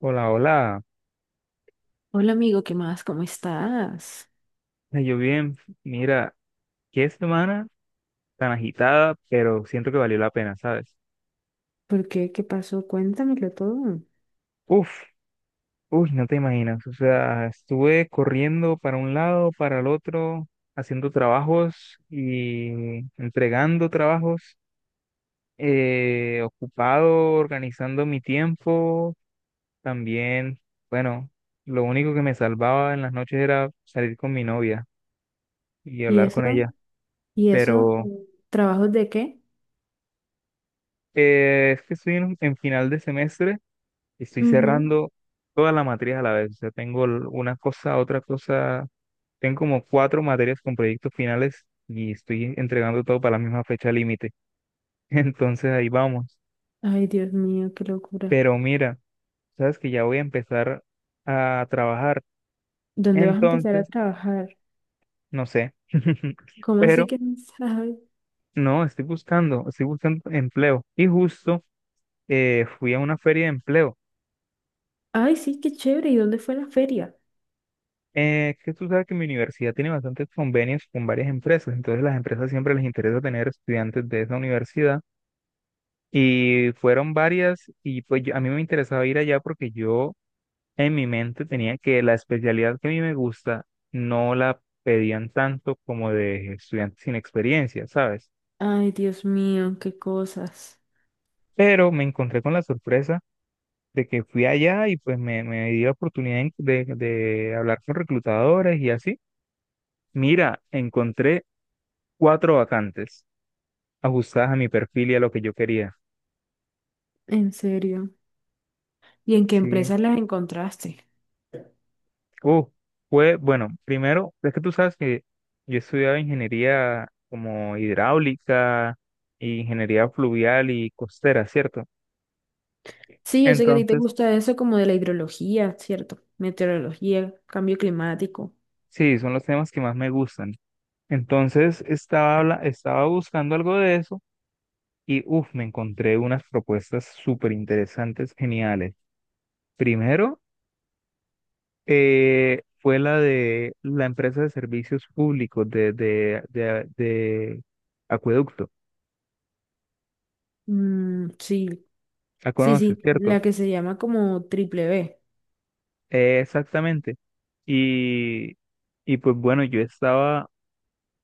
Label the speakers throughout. Speaker 1: Hola, hola.
Speaker 2: Hola amigo, ¿qué más? ¿Cómo estás?
Speaker 1: Yo bien, mira, qué semana tan agitada, pero siento que valió la pena, ¿sabes?
Speaker 2: ¿Por qué? ¿Qué pasó? Cuéntamelo todo.
Speaker 1: Uf, uy, no te imaginas. O sea, estuve corriendo para un lado, para el otro, haciendo trabajos y entregando trabajos, ocupado, organizando mi tiempo. También, bueno, lo único que me salvaba en las noches era salir con mi novia y
Speaker 2: ¿Y
Speaker 1: hablar
Speaker 2: eso?
Speaker 1: con ella,
Speaker 2: ¿Y eso?
Speaker 1: pero
Speaker 2: ¿Trabajos de qué?
Speaker 1: es que estoy en final de semestre. Estoy
Speaker 2: Ujú.
Speaker 1: cerrando todas las materias a la vez. O sea, tengo una cosa, otra cosa. Tengo como cuatro materias con proyectos finales y estoy entregando todo para la misma fecha límite. Entonces ahí vamos.
Speaker 2: Ay, Dios mío, qué locura.
Speaker 1: Pero mira, sabes que ya voy a empezar a trabajar.
Speaker 2: ¿Dónde vas a empezar a
Speaker 1: Entonces,
Speaker 2: trabajar?
Speaker 1: no sé.
Speaker 2: ¿Cómo así
Speaker 1: Pero
Speaker 2: que no sabes?
Speaker 1: no, estoy buscando empleo. Y justo fui a una feria de empleo.
Speaker 2: Ay, sí, qué chévere. ¿Y dónde fue la feria?
Speaker 1: Que tú sabes que mi universidad tiene bastantes convenios con varias empresas, entonces las empresas siempre les interesa tener estudiantes de esa universidad y fueron varias y pues a mí me interesaba ir allá porque yo en mi mente tenía que la especialidad que a mí me gusta no la pedían tanto como de estudiantes sin experiencia, ¿sabes?
Speaker 2: Ay, Dios mío, qué cosas.
Speaker 1: Pero me encontré con la sorpresa de que fui allá y pues me di la oportunidad de hablar con reclutadores y así. Mira, encontré cuatro vacantes ajustadas a mi perfil y a lo que yo quería.
Speaker 2: En serio. ¿Y en qué
Speaker 1: Sí.
Speaker 2: empresas las encontraste?
Speaker 1: Uh, Fue, bueno, primero, es que tú sabes que yo estudiaba ingeniería como hidráulica, y ingeniería fluvial y costera, ¿cierto?
Speaker 2: Sí, yo sé que a ti te
Speaker 1: Entonces,
Speaker 2: gusta eso como de la hidrología, ¿cierto? Meteorología, cambio climático.
Speaker 1: sí, son los temas que más me gustan. Entonces, estaba, estaba buscando algo de eso y, uff, me encontré unas propuestas súper interesantes, geniales. Primero, fue la de la empresa de servicios públicos de Acueducto.
Speaker 2: Mm, sí.
Speaker 1: La
Speaker 2: Sí,
Speaker 1: conoces,
Speaker 2: sí,
Speaker 1: ¿cierto?
Speaker 2: la que se llama como Triple B.
Speaker 1: Exactamente. Y, y pues bueno, yo estaba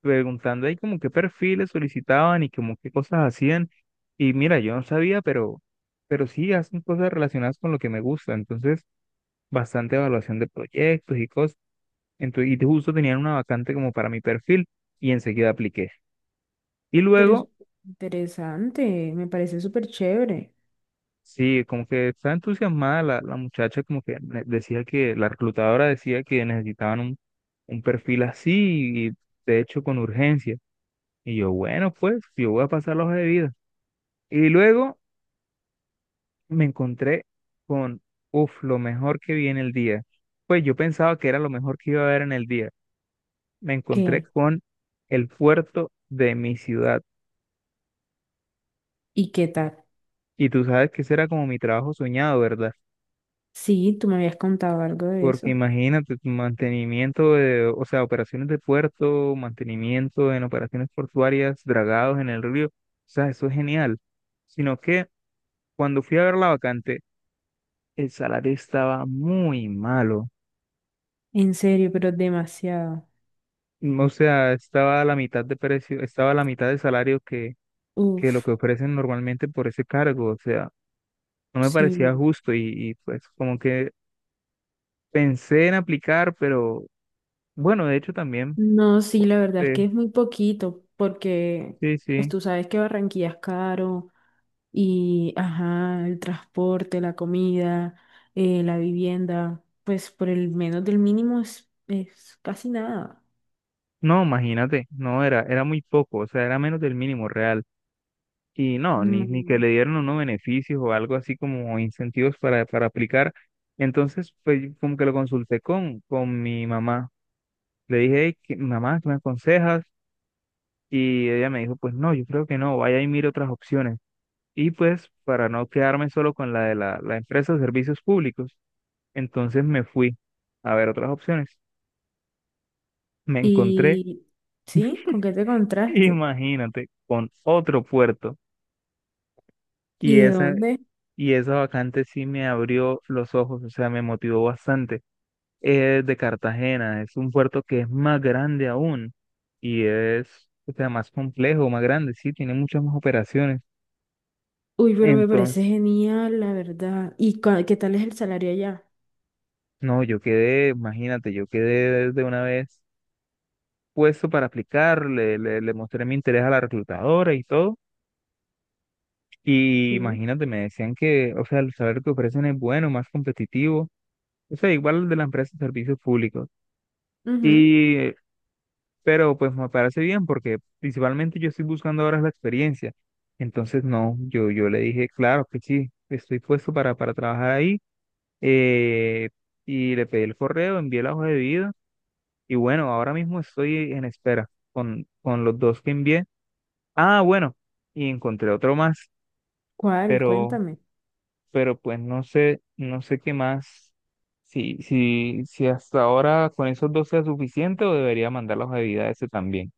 Speaker 1: preguntando ahí como qué perfiles solicitaban y como qué cosas hacían. Y mira, yo no sabía, pero sí hacen cosas relacionadas con lo que me gusta. Entonces, bastante evaluación de proyectos y cosas. Entonces, y justo tenían una vacante como para mi perfil y enseguida apliqué. Y
Speaker 2: Pero es
Speaker 1: luego
Speaker 2: interesante, me parece súper chévere.
Speaker 1: sí, como que estaba entusiasmada la muchacha, como que decía que la reclutadora decía que necesitaban un perfil así y de hecho con urgencia. Y yo, bueno, pues yo voy a pasar la hoja de vida. Y luego me encontré con, uff, lo mejor que vi en el día. Pues yo pensaba que era lo mejor que iba a ver en el día. Me encontré
Speaker 2: ¿Qué?
Speaker 1: con el puerto de mi ciudad.
Speaker 2: ¿Y qué tal?
Speaker 1: Y tú sabes que ese era como mi trabajo soñado, ¿verdad?
Speaker 2: Sí, tú me habías contado algo de
Speaker 1: Porque
Speaker 2: eso.
Speaker 1: imagínate, tu mantenimiento de, o sea, operaciones de puerto, mantenimiento en operaciones portuarias, dragados en el río, o sea, eso es genial. Sino que cuando fui a ver la vacante, el salario estaba muy malo.
Speaker 2: En serio, pero demasiado.
Speaker 1: O sea, estaba a la mitad de precio, estaba a la mitad de salario que lo
Speaker 2: Uf,
Speaker 1: que ofrecen normalmente por ese cargo. O sea, no me parecía
Speaker 2: sí.
Speaker 1: justo y pues como que pensé en aplicar, pero bueno, de hecho también,
Speaker 2: No, sí, la verdad es
Speaker 1: eh,
Speaker 2: que es muy poquito, porque
Speaker 1: sí,
Speaker 2: pues
Speaker 1: sí.
Speaker 2: tú sabes que Barranquilla es caro y, ajá, el transporte, la comida, la vivienda, pues por el menos del mínimo es casi nada.
Speaker 1: No, imagínate, no era, era muy poco, o sea, era menos del mínimo real. Y no, ni,
Speaker 2: No.
Speaker 1: ni que le dieron unos beneficios o algo así como incentivos para aplicar. Entonces, pues yo como que lo consulté con mi mamá. Le dije, "Ey, mamá, ¿qué me aconsejas?" Y ella me dijo, pues no, yo creo que no, vaya y mire otras opciones. Y pues, para no quedarme solo con la de la empresa de servicios públicos, entonces me fui a ver otras opciones. Me encontré,
Speaker 2: Y sí, ¿con qué te contraste?
Speaker 1: imagínate, con otro puerto. Y
Speaker 2: ¿Y de
Speaker 1: esa
Speaker 2: dónde?
Speaker 1: Y esa vacante sí me abrió los ojos, o sea, me motivó bastante. Es de Cartagena, es un puerto que es más grande aún y es, o sea, más complejo, más grande, sí, tiene muchas más operaciones.
Speaker 2: Uy, pero me parece
Speaker 1: Entonces,
Speaker 2: genial, la verdad. ¿Y cua- qué tal es el salario allá?
Speaker 1: no, yo quedé, imagínate, yo quedé de una vez puesto para aplicar, le mostré mi interés a la reclutadora y todo. Y
Speaker 2: Sí.
Speaker 1: imagínate, me decían que, o sea, el saber que ofrecen es bueno, más competitivo, o sea, igual de la empresa de servicios públicos.
Speaker 2: Ujú.
Speaker 1: Y pero pues me parece bien porque principalmente yo estoy buscando ahora es la experiencia. Entonces, no, yo le dije, claro que sí, estoy puesto para trabajar ahí. eh, y le pedí el correo, envié la hoja de vida y bueno, ahora mismo estoy en espera con los dos que envié. Ah, bueno, y encontré otro más,
Speaker 2: ¿Cuál?
Speaker 1: pero,
Speaker 2: Cuéntame.
Speaker 1: pero pues no sé, no sé qué más. Si hasta ahora con esos dos sea suficiente o debería mandar la hoja de vida a ese también.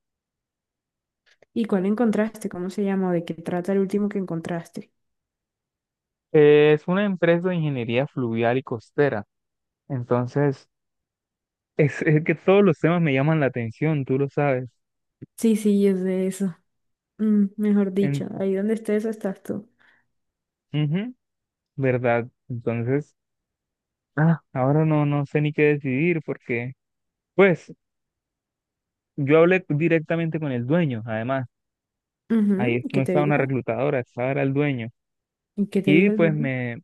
Speaker 2: ¿Y cuál encontraste? ¿Cómo se llama? ¿O de qué trata el último que encontraste?
Speaker 1: Es una empresa de ingeniería fluvial y costera. Entonces, es que todos los temas me llaman la atención, tú lo sabes.
Speaker 2: Sí, sí, es de eso. Mm, mejor
Speaker 1: En,
Speaker 2: dicho, ahí donde estés estás tú.
Speaker 1: ujú, ¿verdad? Entonces, ah, ahora no, no sé ni qué decidir porque, pues, yo hablé directamente con el dueño, además.
Speaker 2: Ujú,
Speaker 1: Ahí
Speaker 2: ¿y
Speaker 1: no
Speaker 2: ¿Qué te
Speaker 1: estaba una
Speaker 2: dijo?
Speaker 1: reclutadora, estaba era el dueño.
Speaker 2: ¿Y qué te
Speaker 1: Y
Speaker 2: dijo el
Speaker 1: pues
Speaker 2: dueño?
Speaker 1: me,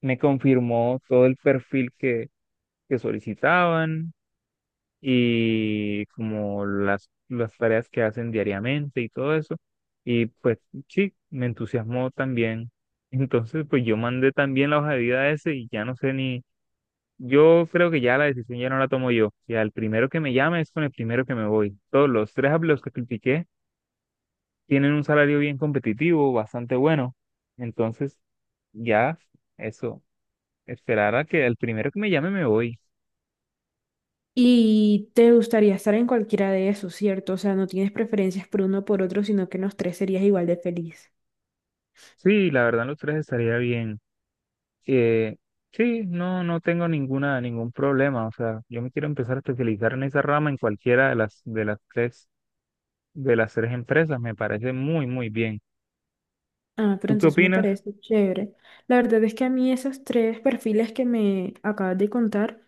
Speaker 1: me confirmó todo el perfil que solicitaban, y como las tareas que hacen diariamente y todo eso. Y pues sí, me entusiasmó también. Entonces, pues yo mandé también la hoja de vida a ese y ya no sé ni, yo creo que ya la decisión ya no la tomo yo. O sea, el primero que me llame es con el primero que me voy. Todos los tres a los que critiqué tienen un salario bien competitivo, bastante bueno. Entonces, ya, eso, esperar a que el primero que me llame me voy.
Speaker 2: Y te gustaría estar en cualquiera de esos, ¿cierto? O sea, no tienes preferencias por uno o por otro, sino que en los tres serías igual de feliz.
Speaker 1: Sí, la verdad los tres estaría bien. Eh, sí, no, no tengo ninguna, ningún problema. O sea, yo me quiero empezar a especializar en esa rama en cualquiera de de las tres empresas. Me parece muy, muy bien.
Speaker 2: Ah, pero
Speaker 1: ¿Tú qué
Speaker 2: entonces me
Speaker 1: opinas?
Speaker 2: parece chévere. La verdad es que a mí esos tres perfiles que me acabas de contar,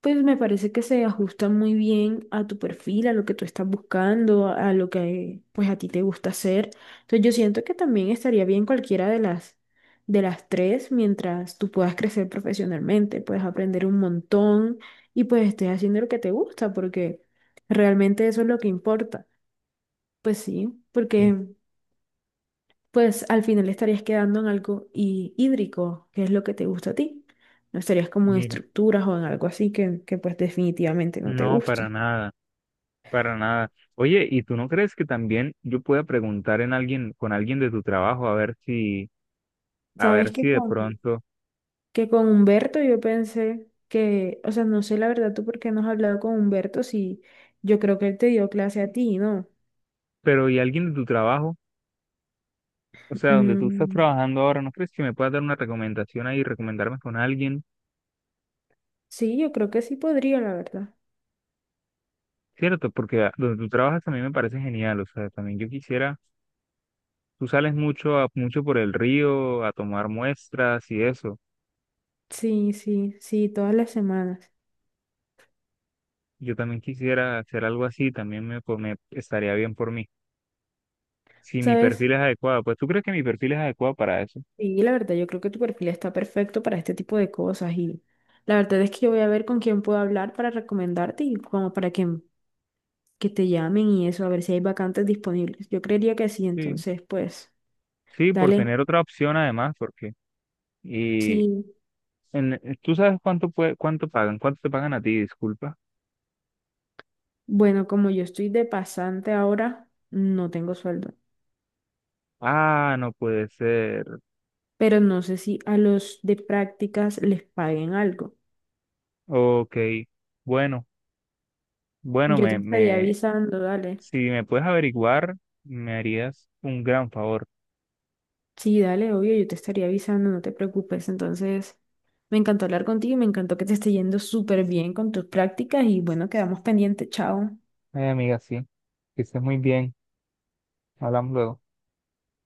Speaker 2: pues me parece que se ajustan muy bien a tu perfil, a lo que tú estás buscando, a lo que pues a ti te gusta hacer. Entonces yo siento que también estaría bien cualquiera de las tres mientras tú puedas crecer profesionalmente, puedes aprender un montón y pues estés haciendo lo que te gusta, porque realmente eso es lo que importa. Pues sí,
Speaker 1: Sí,
Speaker 2: porque pues al final estarías quedando en algo hí- hídrico, que es lo que te gusta a ti. No estarías como en
Speaker 1: mira,
Speaker 2: estructuras o en algo así que pues definitivamente no te
Speaker 1: no, para
Speaker 2: gusta.
Speaker 1: nada, para nada. Oye, ¿y tú no crees que también yo pueda preguntar en alguien, con alguien de tu trabajo, a
Speaker 2: Sabes
Speaker 1: ver si de pronto,
Speaker 2: que con Humberto yo pensé que, o sea, no sé la verdad tú por qué no has hablado con Humberto si yo creo que él te dio clase a ti, ¿no?
Speaker 1: pero ¿y alguien de tu trabajo? O sea, donde tú estás
Speaker 2: Mm,
Speaker 1: trabajando ahora, ¿no crees que me puedas dar una recomendación ahí, recomendarme con alguien?
Speaker 2: sí, yo creo que sí podría, la verdad.
Speaker 1: Cierto, porque donde tú trabajas también me parece genial, o sea, también yo quisiera, tú sales mucho a, mucho por el río a tomar muestras y eso,
Speaker 2: Sí, sí, sí, todas las semanas.
Speaker 1: yo también quisiera hacer algo así, también me estaría bien por mí, si mi
Speaker 2: ¿Sabes?
Speaker 1: perfil es adecuado, pues tú crees que mi perfil es adecuado para eso,
Speaker 2: Sí, la verdad, yo creo que tu perfil está perfecto para este tipo de cosas y la verdad es que yo voy a ver con quién puedo hablar para recomendarte y como para que te llamen y eso, a ver si hay vacantes disponibles. Yo creería que sí,
Speaker 1: sí,
Speaker 2: entonces pues
Speaker 1: sí, por
Speaker 2: dale.
Speaker 1: tener otra opción además, porque, y
Speaker 2: Sí,
Speaker 1: tú sabes cuánto puede, cuánto pagan, cuánto te pagan a ti, disculpa,
Speaker 2: bueno, como yo estoy de pasante ahora, no tengo sueldo,
Speaker 1: ah, no puede ser,
Speaker 2: pero no sé si a los de prácticas les paguen algo.
Speaker 1: ok, bueno,
Speaker 2: Yo te estaría
Speaker 1: me.
Speaker 2: avisando, dale.
Speaker 1: Si me puedes averiguar, me harías un gran favor.
Speaker 2: Sí, dale, obvio, yo te estaría avisando, no te preocupes. Entonces, me encantó hablar contigo y me encantó que te esté yendo súper bien con tus prácticas y bueno, quedamos pendientes, chao.
Speaker 1: Ay, amiga, sí. Que estés muy bien. Hablamos luego.